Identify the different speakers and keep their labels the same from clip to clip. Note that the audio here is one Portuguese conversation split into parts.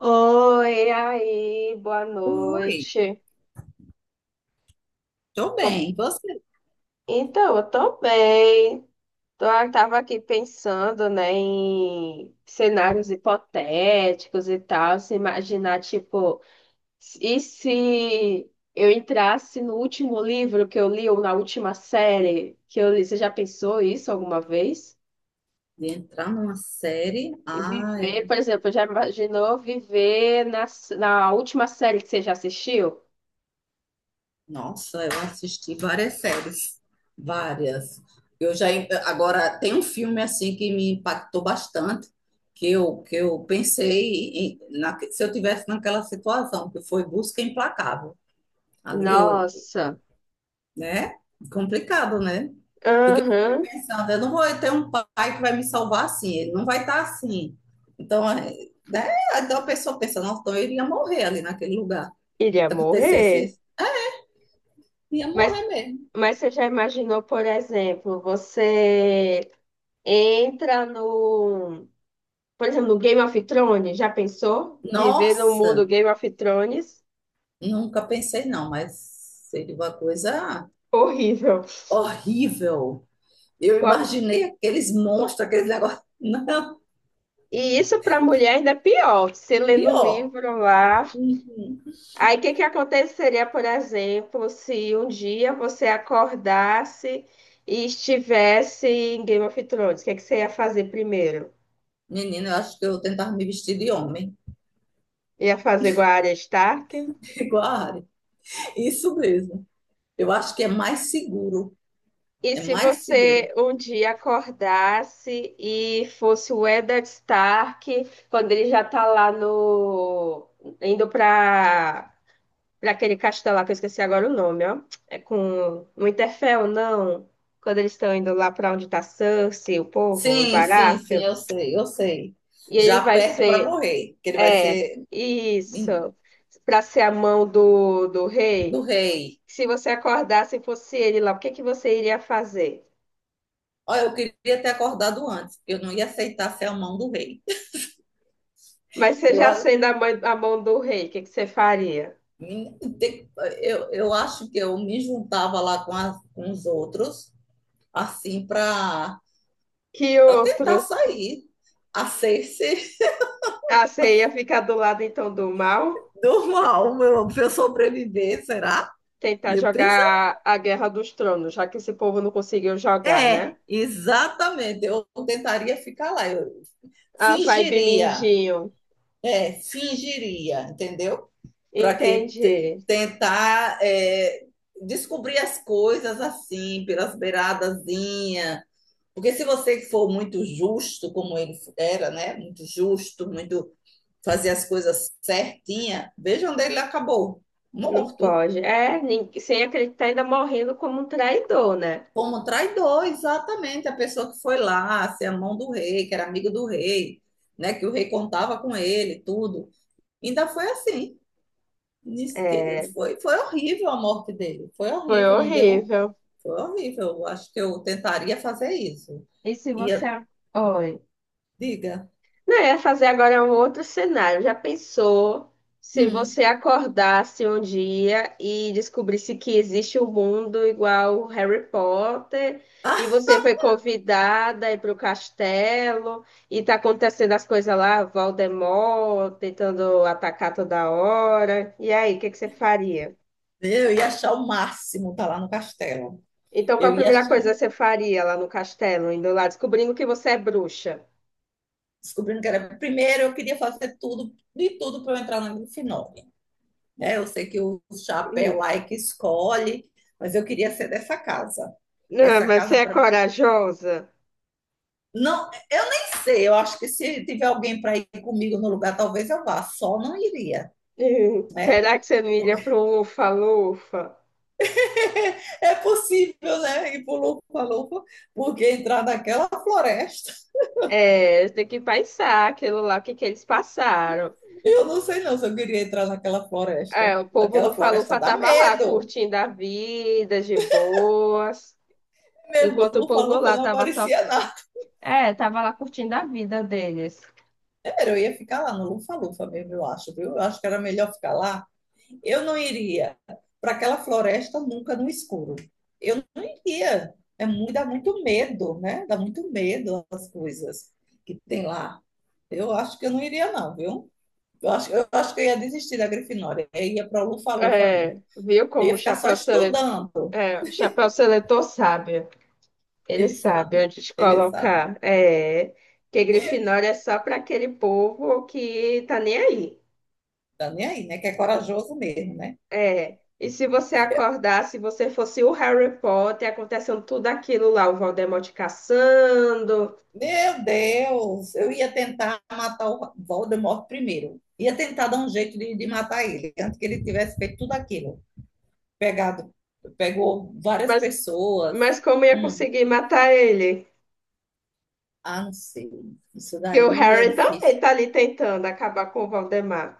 Speaker 1: Oi, aí, boa
Speaker 2: Oi,
Speaker 1: noite.
Speaker 2: tô
Speaker 1: Bom,
Speaker 2: bem. E Você
Speaker 1: Então, eu tô bem. Eu tava aqui pensando, né, em cenários hipotéticos e tal, se imaginar, tipo, e se eu entrasse no último livro que eu li ou na última série que eu li? Você já pensou isso alguma vez?
Speaker 2: de entrar numa série? Ah,
Speaker 1: Viver,
Speaker 2: eu-
Speaker 1: por exemplo, já imaginou viver na última série que você já assistiu?
Speaker 2: nossa, eu assisti várias séries, várias. Eu já agora tem um filme assim que me impactou bastante, que eu pensei em- na- se eu tivesse naquela situação, que foi Busca Implacável. Ali eu,
Speaker 1: Nossa.
Speaker 2: né? Complicado, né? Porque eu fiquei
Speaker 1: Aham.
Speaker 2: pensando, eu não vou ter um pai que vai me salvar assim, ele não vai estar assim. Então, é, né? Então a pessoa pensa, nossa, então eu iria morrer ali naquele lugar.
Speaker 1: Iria
Speaker 2: Se acontecesse
Speaker 1: morrer.
Speaker 2: isso, ia
Speaker 1: Mas,
Speaker 2: morrer mesmo.
Speaker 1: mas você já imaginou, por exemplo, você entra no, por exemplo, no Game of Thrones, já pensou? Viver no mundo
Speaker 2: Nossa,
Speaker 1: Game of Thrones?
Speaker 2: nunca pensei não, mas seria uma coisa
Speaker 1: Horrível.
Speaker 2: horrível. Eu
Speaker 1: Qual-
Speaker 2: imaginei aqueles monstros, aqueles negócios. Não,
Speaker 1: E isso para a mulher ainda é pior. Você lendo o
Speaker 2: pior.
Speaker 1: livro lá.
Speaker 2: Uhum.
Speaker 1: Aí o que que aconteceria, por exemplo, se um dia você acordasse e estivesse em Game of Thrones? O que que você ia fazer primeiro?
Speaker 2: Menina, eu acho que eu tentava me vestir de homem,
Speaker 1: Ia fazer igual a Arya Stark?
Speaker 2: igual a Ari. Isso mesmo. Eu acho que é mais seguro.
Speaker 1: E
Speaker 2: É
Speaker 1: se
Speaker 2: mais seguro.
Speaker 1: você um dia acordasse e fosse o Eddard Stark, quando ele já tá lá no... indo para aquele castelo lá, que eu esqueci agora o nome, ó. É com... No Interfell, não. Quando eles estão indo lá para onde tá Cersei, o povo, o
Speaker 2: Sim, sim, sim,
Speaker 1: Baratheon.
Speaker 2: eu sei, eu sei.
Speaker 1: E ele
Speaker 2: Já
Speaker 1: vai
Speaker 2: aperto para
Speaker 1: ser...
Speaker 2: morrer, que ele vai
Speaker 1: É,
Speaker 2: ser
Speaker 1: isso.
Speaker 2: em-
Speaker 1: Para ser a mão do
Speaker 2: do
Speaker 1: rei.
Speaker 2: rei.
Speaker 1: Se você acordasse e fosse ele lá, o que que você iria fazer?
Speaker 2: Olha, eu queria ter acordado antes, porque eu não ia aceitar ser a mão do rei.
Speaker 1: Mas você
Speaker 2: Eu,
Speaker 1: já
Speaker 2: a-
Speaker 1: sendo a mão do rei, o que que você faria?
Speaker 2: me- te- eu acho que eu me juntava lá com, as- com os outros, assim, para
Speaker 1: Que
Speaker 2: tentar
Speaker 1: outros?
Speaker 2: sair a ser-se
Speaker 1: Ah, você ia ficar do lado então do mal?
Speaker 2: do mal, meu, para eu sobreviver, será?
Speaker 1: Tentar
Speaker 2: Eu
Speaker 1: jogar a Guerra dos Tronos, já que esse povo não conseguiu jogar,
Speaker 2: é,
Speaker 1: né?
Speaker 2: exatamente. Eu tentaria ficar lá. Eu
Speaker 1: A vibe
Speaker 2: fingiria,
Speaker 1: mindinho.
Speaker 2: é, fingiria, entendeu? Para que te-
Speaker 1: Entendi.
Speaker 2: tentar é, descobrir as coisas assim, pelas beiradazinhas. Porque se você for muito justo, como ele era, né? Muito justo, muito fazer as coisas certinha, veja onde ele acabou,
Speaker 1: Não
Speaker 2: morto.
Speaker 1: pode. É, sem acreditar, ainda morrendo como um traidor, né?
Speaker 2: Como traidor, exatamente, a pessoa que foi lá, ser a mão do rei, que era amigo do rei, né, que o rei contava com ele, tudo. Ainda foi assim. Diz que
Speaker 1: É,
Speaker 2: foi, foi horrível a morte dele, foi
Speaker 1: foi
Speaker 2: horrível, não deu,
Speaker 1: horrível.
Speaker 2: foi horrível. Eu acho que eu tentaria fazer isso.
Speaker 1: E se você.
Speaker 2: Ia,
Speaker 1: Oi.
Speaker 2: diga,
Speaker 1: Não, eu ia fazer agora um outro cenário. Já pensou se
Speaker 2: hum,
Speaker 1: você acordasse um dia e descobrisse que existe um mundo igual o Harry Potter e
Speaker 2: ah,
Speaker 1: você foi convidada a ir para o castelo e tá acontecendo as coisas lá, Voldemort tentando atacar toda hora. E aí, o que que você faria?
Speaker 2: eu ia achar o máximo estar lá no castelo.
Speaker 1: Então, qual a
Speaker 2: Eu ia
Speaker 1: primeira
Speaker 2: achar,
Speaker 1: coisa que você faria lá no castelo, indo lá, descobrindo que você é bruxa?
Speaker 2: descobrindo que era, primeiro eu queria fazer tudo, de tudo para eu entrar no final, né? Eu sei que o chapéu
Speaker 1: Hum.
Speaker 2: lá é que escolhe, mas eu queria ser dessa casa.
Speaker 1: Não,
Speaker 2: Essa
Speaker 1: mas você
Speaker 2: casa
Speaker 1: é
Speaker 2: para mim.
Speaker 1: corajosa.
Speaker 2: Não, eu nem sei. Eu acho que se tiver alguém para ir comigo no lugar, talvez eu vá. Só não iria, né?
Speaker 1: Será que você não iria para um lufa-lufa?
Speaker 2: É possível, né? Ir por louco porque entrar naquela floresta.
Speaker 1: É, tem que pensar aquilo lá, o que que eles passaram.
Speaker 2: Eu não sei não se eu queria entrar naquela
Speaker 1: É,
Speaker 2: floresta.
Speaker 1: o povo
Speaker 2: Aquela floresta
Speaker 1: lufa-lufa
Speaker 2: dá
Speaker 1: tava lá
Speaker 2: medo
Speaker 1: curtindo a vida de boas,
Speaker 2: mesmo,
Speaker 1: enquanto o povo
Speaker 2: Lufa-Lufa
Speaker 1: lá
Speaker 2: não
Speaker 1: tava só,
Speaker 2: aparecia nada.
Speaker 1: é, tava lá curtindo a vida deles.
Speaker 2: Eu ia ficar lá no Lufa-Lufa mesmo, eu acho, viu? Eu acho que era melhor ficar lá. Eu não iria para aquela floresta nunca no escuro. Eu não iria. É muito, dá muito medo, né? Dá muito medo as coisas que tem lá. Eu acho que eu não iria, não, viu? Eu acho que eu ia desistir da Grifinória. Eu ia para o Lufa-Lufa
Speaker 1: É,
Speaker 2: mesmo.
Speaker 1: viu
Speaker 2: Eu
Speaker 1: como
Speaker 2: ia
Speaker 1: o
Speaker 2: ficar só
Speaker 1: chapéu seletor,
Speaker 2: estudando.
Speaker 1: é, o chapéu seletor sabe? Ele
Speaker 2: Ele
Speaker 1: sabe
Speaker 2: sabe,
Speaker 1: onde te
Speaker 2: ele sabe.
Speaker 1: colocar. É, que Grifinória é só para aquele povo que tá nem aí.
Speaker 2: Tá nem aí, né? Que é corajoso mesmo, né?
Speaker 1: É, e se você acordar, se você fosse o Harry Potter, acontecendo tudo aquilo lá, o Voldemort caçando,
Speaker 2: Meu Deus, eu ia tentar matar o Voldemort primeiro. Ia tentar dar um jeito de matar ele, antes que ele tivesse feito tudo aquilo. Pegado, pegou várias
Speaker 1: mas,
Speaker 2: pessoas.
Speaker 1: mas como ia
Speaker 2: Hum,
Speaker 1: conseguir matar ele?
Speaker 2: ah, não sei. Isso
Speaker 1: Que o
Speaker 2: daí é
Speaker 1: Harry também
Speaker 2: difícil,
Speaker 1: tá ali tentando acabar com o Voldemort.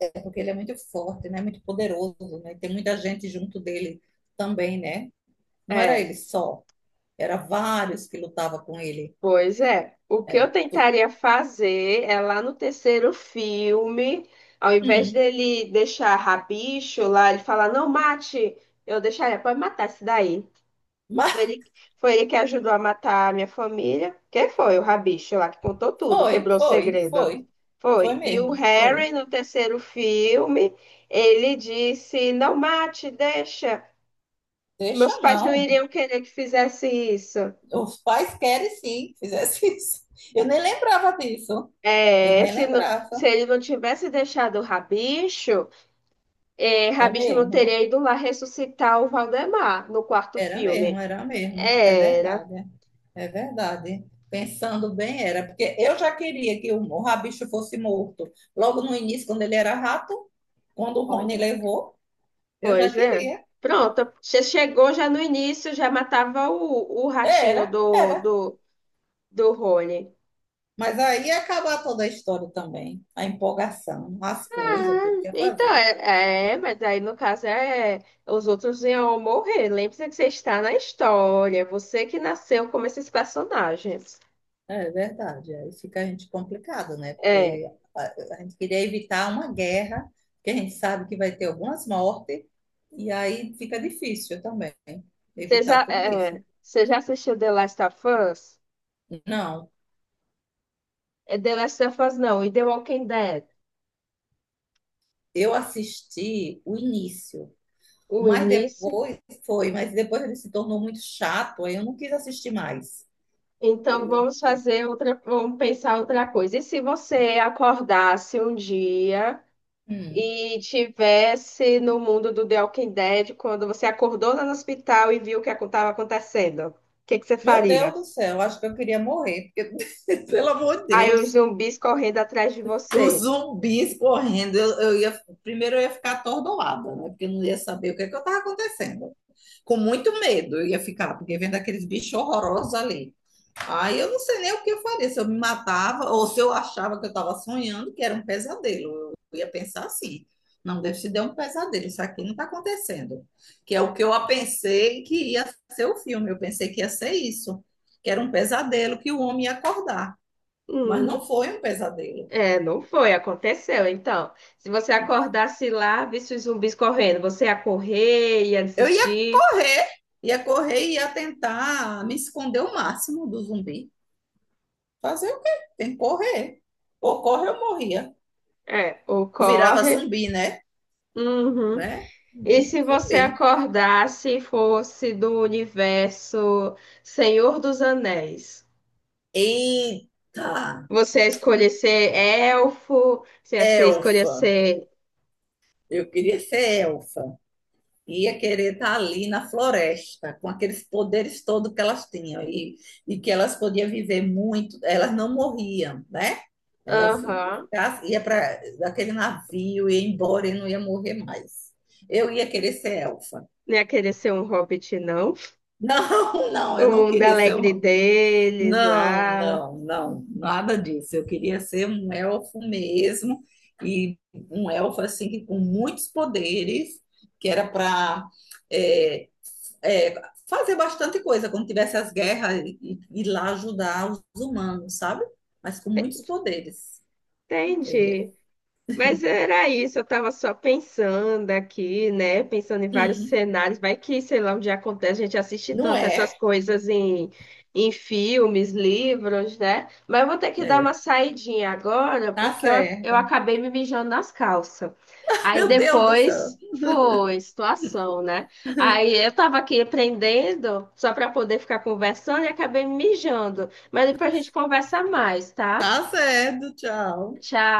Speaker 2: é porque ele é muito forte, né? Muito poderoso, né? Tem muita gente junto dele também, né? Não era
Speaker 1: É,
Speaker 2: ele só, era vários que lutavam com ele.
Speaker 1: pois é. O que eu
Speaker 2: Tu-
Speaker 1: tentaria fazer é lá no terceiro filme, ao invés
Speaker 2: hum,
Speaker 1: dele deixar rabicho lá, ele falar, não mate, eu deixaria, pode matar esse daí.
Speaker 2: mas
Speaker 1: Foi ele, foi ele que ajudou a matar a minha família. Quem foi? O Rabicho lá que contou tudo,
Speaker 2: foi,
Speaker 1: quebrou o
Speaker 2: foi,
Speaker 1: segredo.
Speaker 2: foi, foi
Speaker 1: Foi. E o
Speaker 2: mesmo, foi.
Speaker 1: Harry, no terceiro filme, ele disse: Não mate, deixa, que
Speaker 2: Deixa
Speaker 1: meus pais não
Speaker 2: não.
Speaker 1: iriam querer que fizesse isso.
Speaker 2: Os pais querem sim que fizesse isso. Eu nem lembrava disso. Eu
Speaker 1: É,
Speaker 2: nem
Speaker 1: se
Speaker 2: lembrava.
Speaker 1: ele não tivesse deixado o Rabicho, é,
Speaker 2: É
Speaker 1: Rabicho não
Speaker 2: mesmo.
Speaker 1: teria ido lá ressuscitar o Valdemar no quarto
Speaker 2: Era mesmo,
Speaker 1: filme.
Speaker 2: era mesmo. É
Speaker 1: Era.
Speaker 2: verdade. É. É verdade. Pensando bem, era. Porque eu já queria que o Rabicho fosse morto. Logo no início, quando ele era rato, quando o
Speaker 1: Pois
Speaker 2: Rony levou, eu já
Speaker 1: Pois é.
Speaker 2: queria.
Speaker 1: Pronto. Você chegou já no início, já matava o, o ratinho
Speaker 2: Era,
Speaker 1: do,
Speaker 2: era.
Speaker 1: do, do Rony.
Speaker 2: Mas aí ia acabar toda a história também. A empolgação, as coisas, tudo
Speaker 1: Ah,
Speaker 2: que ia
Speaker 1: então,
Speaker 2: fazer.
Speaker 1: mas aí no caso é os outros iam morrer. Lembre-se que você está na história, é você que nasceu como esses personagens.
Speaker 2: É verdade. Aí fica a gente complicado, né?
Speaker 1: É,
Speaker 2: Porque a gente queria evitar uma guerra, que a gente sabe que vai ter algumas mortes, e aí fica difícil também evitar tudo isso.
Speaker 1: você já assistiu The Last of Us?
Speaker 2: Não,
Speaker 1: É The Last of Us não, e The Walking Dead.
Speaker 2: eu assisti o início,
Speaker 1: O
Speaker 2: mas
Speaker 1: início.
Speaker 2: depois foi, mas depois ele se tornou muito chato, aí eu não quis assistir mais.
Speaker 1: Então
Speaker 2: Eu-
Speaker 1: vamos fazer outra, vamos pensar outra coisa. E se você acordasse um dia
Speaker 2: hum.
Speaker 1: e tivesse no mundo do The Walking Dead, quando você acordou lá no hospital e viu o que estava acontecendo, o que que você
Speaker 2: Meu Deus
Speaker 1: faria?
Speaker 2: do céu, acho que eu queria morrer, porque, pelo amor de
Speaker 1: Aí os
Speaker 2: Deus,
Speaker 1: zumbis correndo atrás de
Speaker 2: os
Speaker 1: você.
Speaker 2: zumbis correndo, eu ia, primeiro eu ia ficar atordoada, né? Porque eu não ia saber o que é que estava acontecendo. Com muito medo eu ia ficar, porque vendo aqueles bichos horrorosos ali. Aí eu não sei nem o que eu faria, se eu me matava ou se eu achava que eu estava sonhando, que era um pesadelo. Eu ia pensar assim: não, Deus te deu um pesadelo, isso aqui não está acontecendo. Que é o que eu pensei que ia ser o filme, eu pensei que ia ser isso, que era um pesadelo que o homem ia acordar, mas
Speaker 1: Hum,
Speaker 2: não foi um pesadelo.
Speaker 1: é, não foi, aconteceu. Então, se você acordasse lá, visse os zumbis correndo, você ia correr, ia
Speaker 2: Eu
Speaker 1: desistir.
Speaker 2: ia correr e ia tentar me esconder o máximo do zumbi. Fazer o quê? Tem que correr. Ou corre, eu morria.
Speaker 1: É, ou
Speaker 2: Eu virava
Speaker 1: corre.
Speaker 2: zumbi, né?
Speaker 1: Uhum.
Speaker 2: Né?
Speaker 1: E se
Speaker 2: Vamos
Speaker 1: você
Speaker 2: saber.
Speaker 1: acordasse e fosse do universo Senhor dos Anéis?
Speaker 2: Eita,
Speaker 1: Você ia escolher ser elfo? Escolher
Speaker 2: elfa.
Speaker 1: ser.
Speaker 2: Eu queria ser elfa. Ia querer estar ali na floresta, com aqueles poderes todos que elas tinham. E que elas podiam viver muito. Elas não morriam, né? Elas
Speaker 1: Aham.
Speaker 2: iam para aquele navio, ia embora e não ia morrer mais. Eu ia querer ser elfa.
Speaker 1: Não ia querer ser um hobbit, não.
Speaker 2: Não, não, eu
Speaker 1: O
Speaker 2: não
Speaker 1: mundo
Speaker 2: queria ser
Speaker 1: alegre
Speaker 2: uma.
Speaker 1: deles
Speaker 2: Não,
Speaker 1: lá.
Speaker 2: não, não, nada disso. Eu queria ser um elfo mesmo, e um elfo assim que com muitos poderes, que era para fazer bastante coisa quando tivesse as guerras e ir lá ajudar os humanos, sabe? Mas com muitos poderes. Eu ia.
Speaker 1: Entendi. Mas era isso, eu estava só pensando aqui, né? Pensando em vários
Speaker 2: Hum,
Speaker 1: cenários. Vai que, sei lá, onde acontece, a gente assiste
Speaker 2: não
Speaker 1: tanto
Speaker 2: é?
Speaker 1: essas coisas em filmes, livros, né? Mas eu vou ter que dar uma
Speaker 2: É.
Speaker 1: saidinha agora,
Speaker 2: Tá
Speaker 1: eu
Speaker 2: certo.
Speaker 1: acabei me mijando nas calças. Aí
Speaker 2: Meu Deus do céu.
Speaker 1: depois foi situação, né? Aí eu estava aqui aprendendo só para poder ficar conversando e acabei me mijando. Mas depois a gente conversa mais, tá?
Speaker 2: Tá certo, tchau.
Speaker 1: Tchau.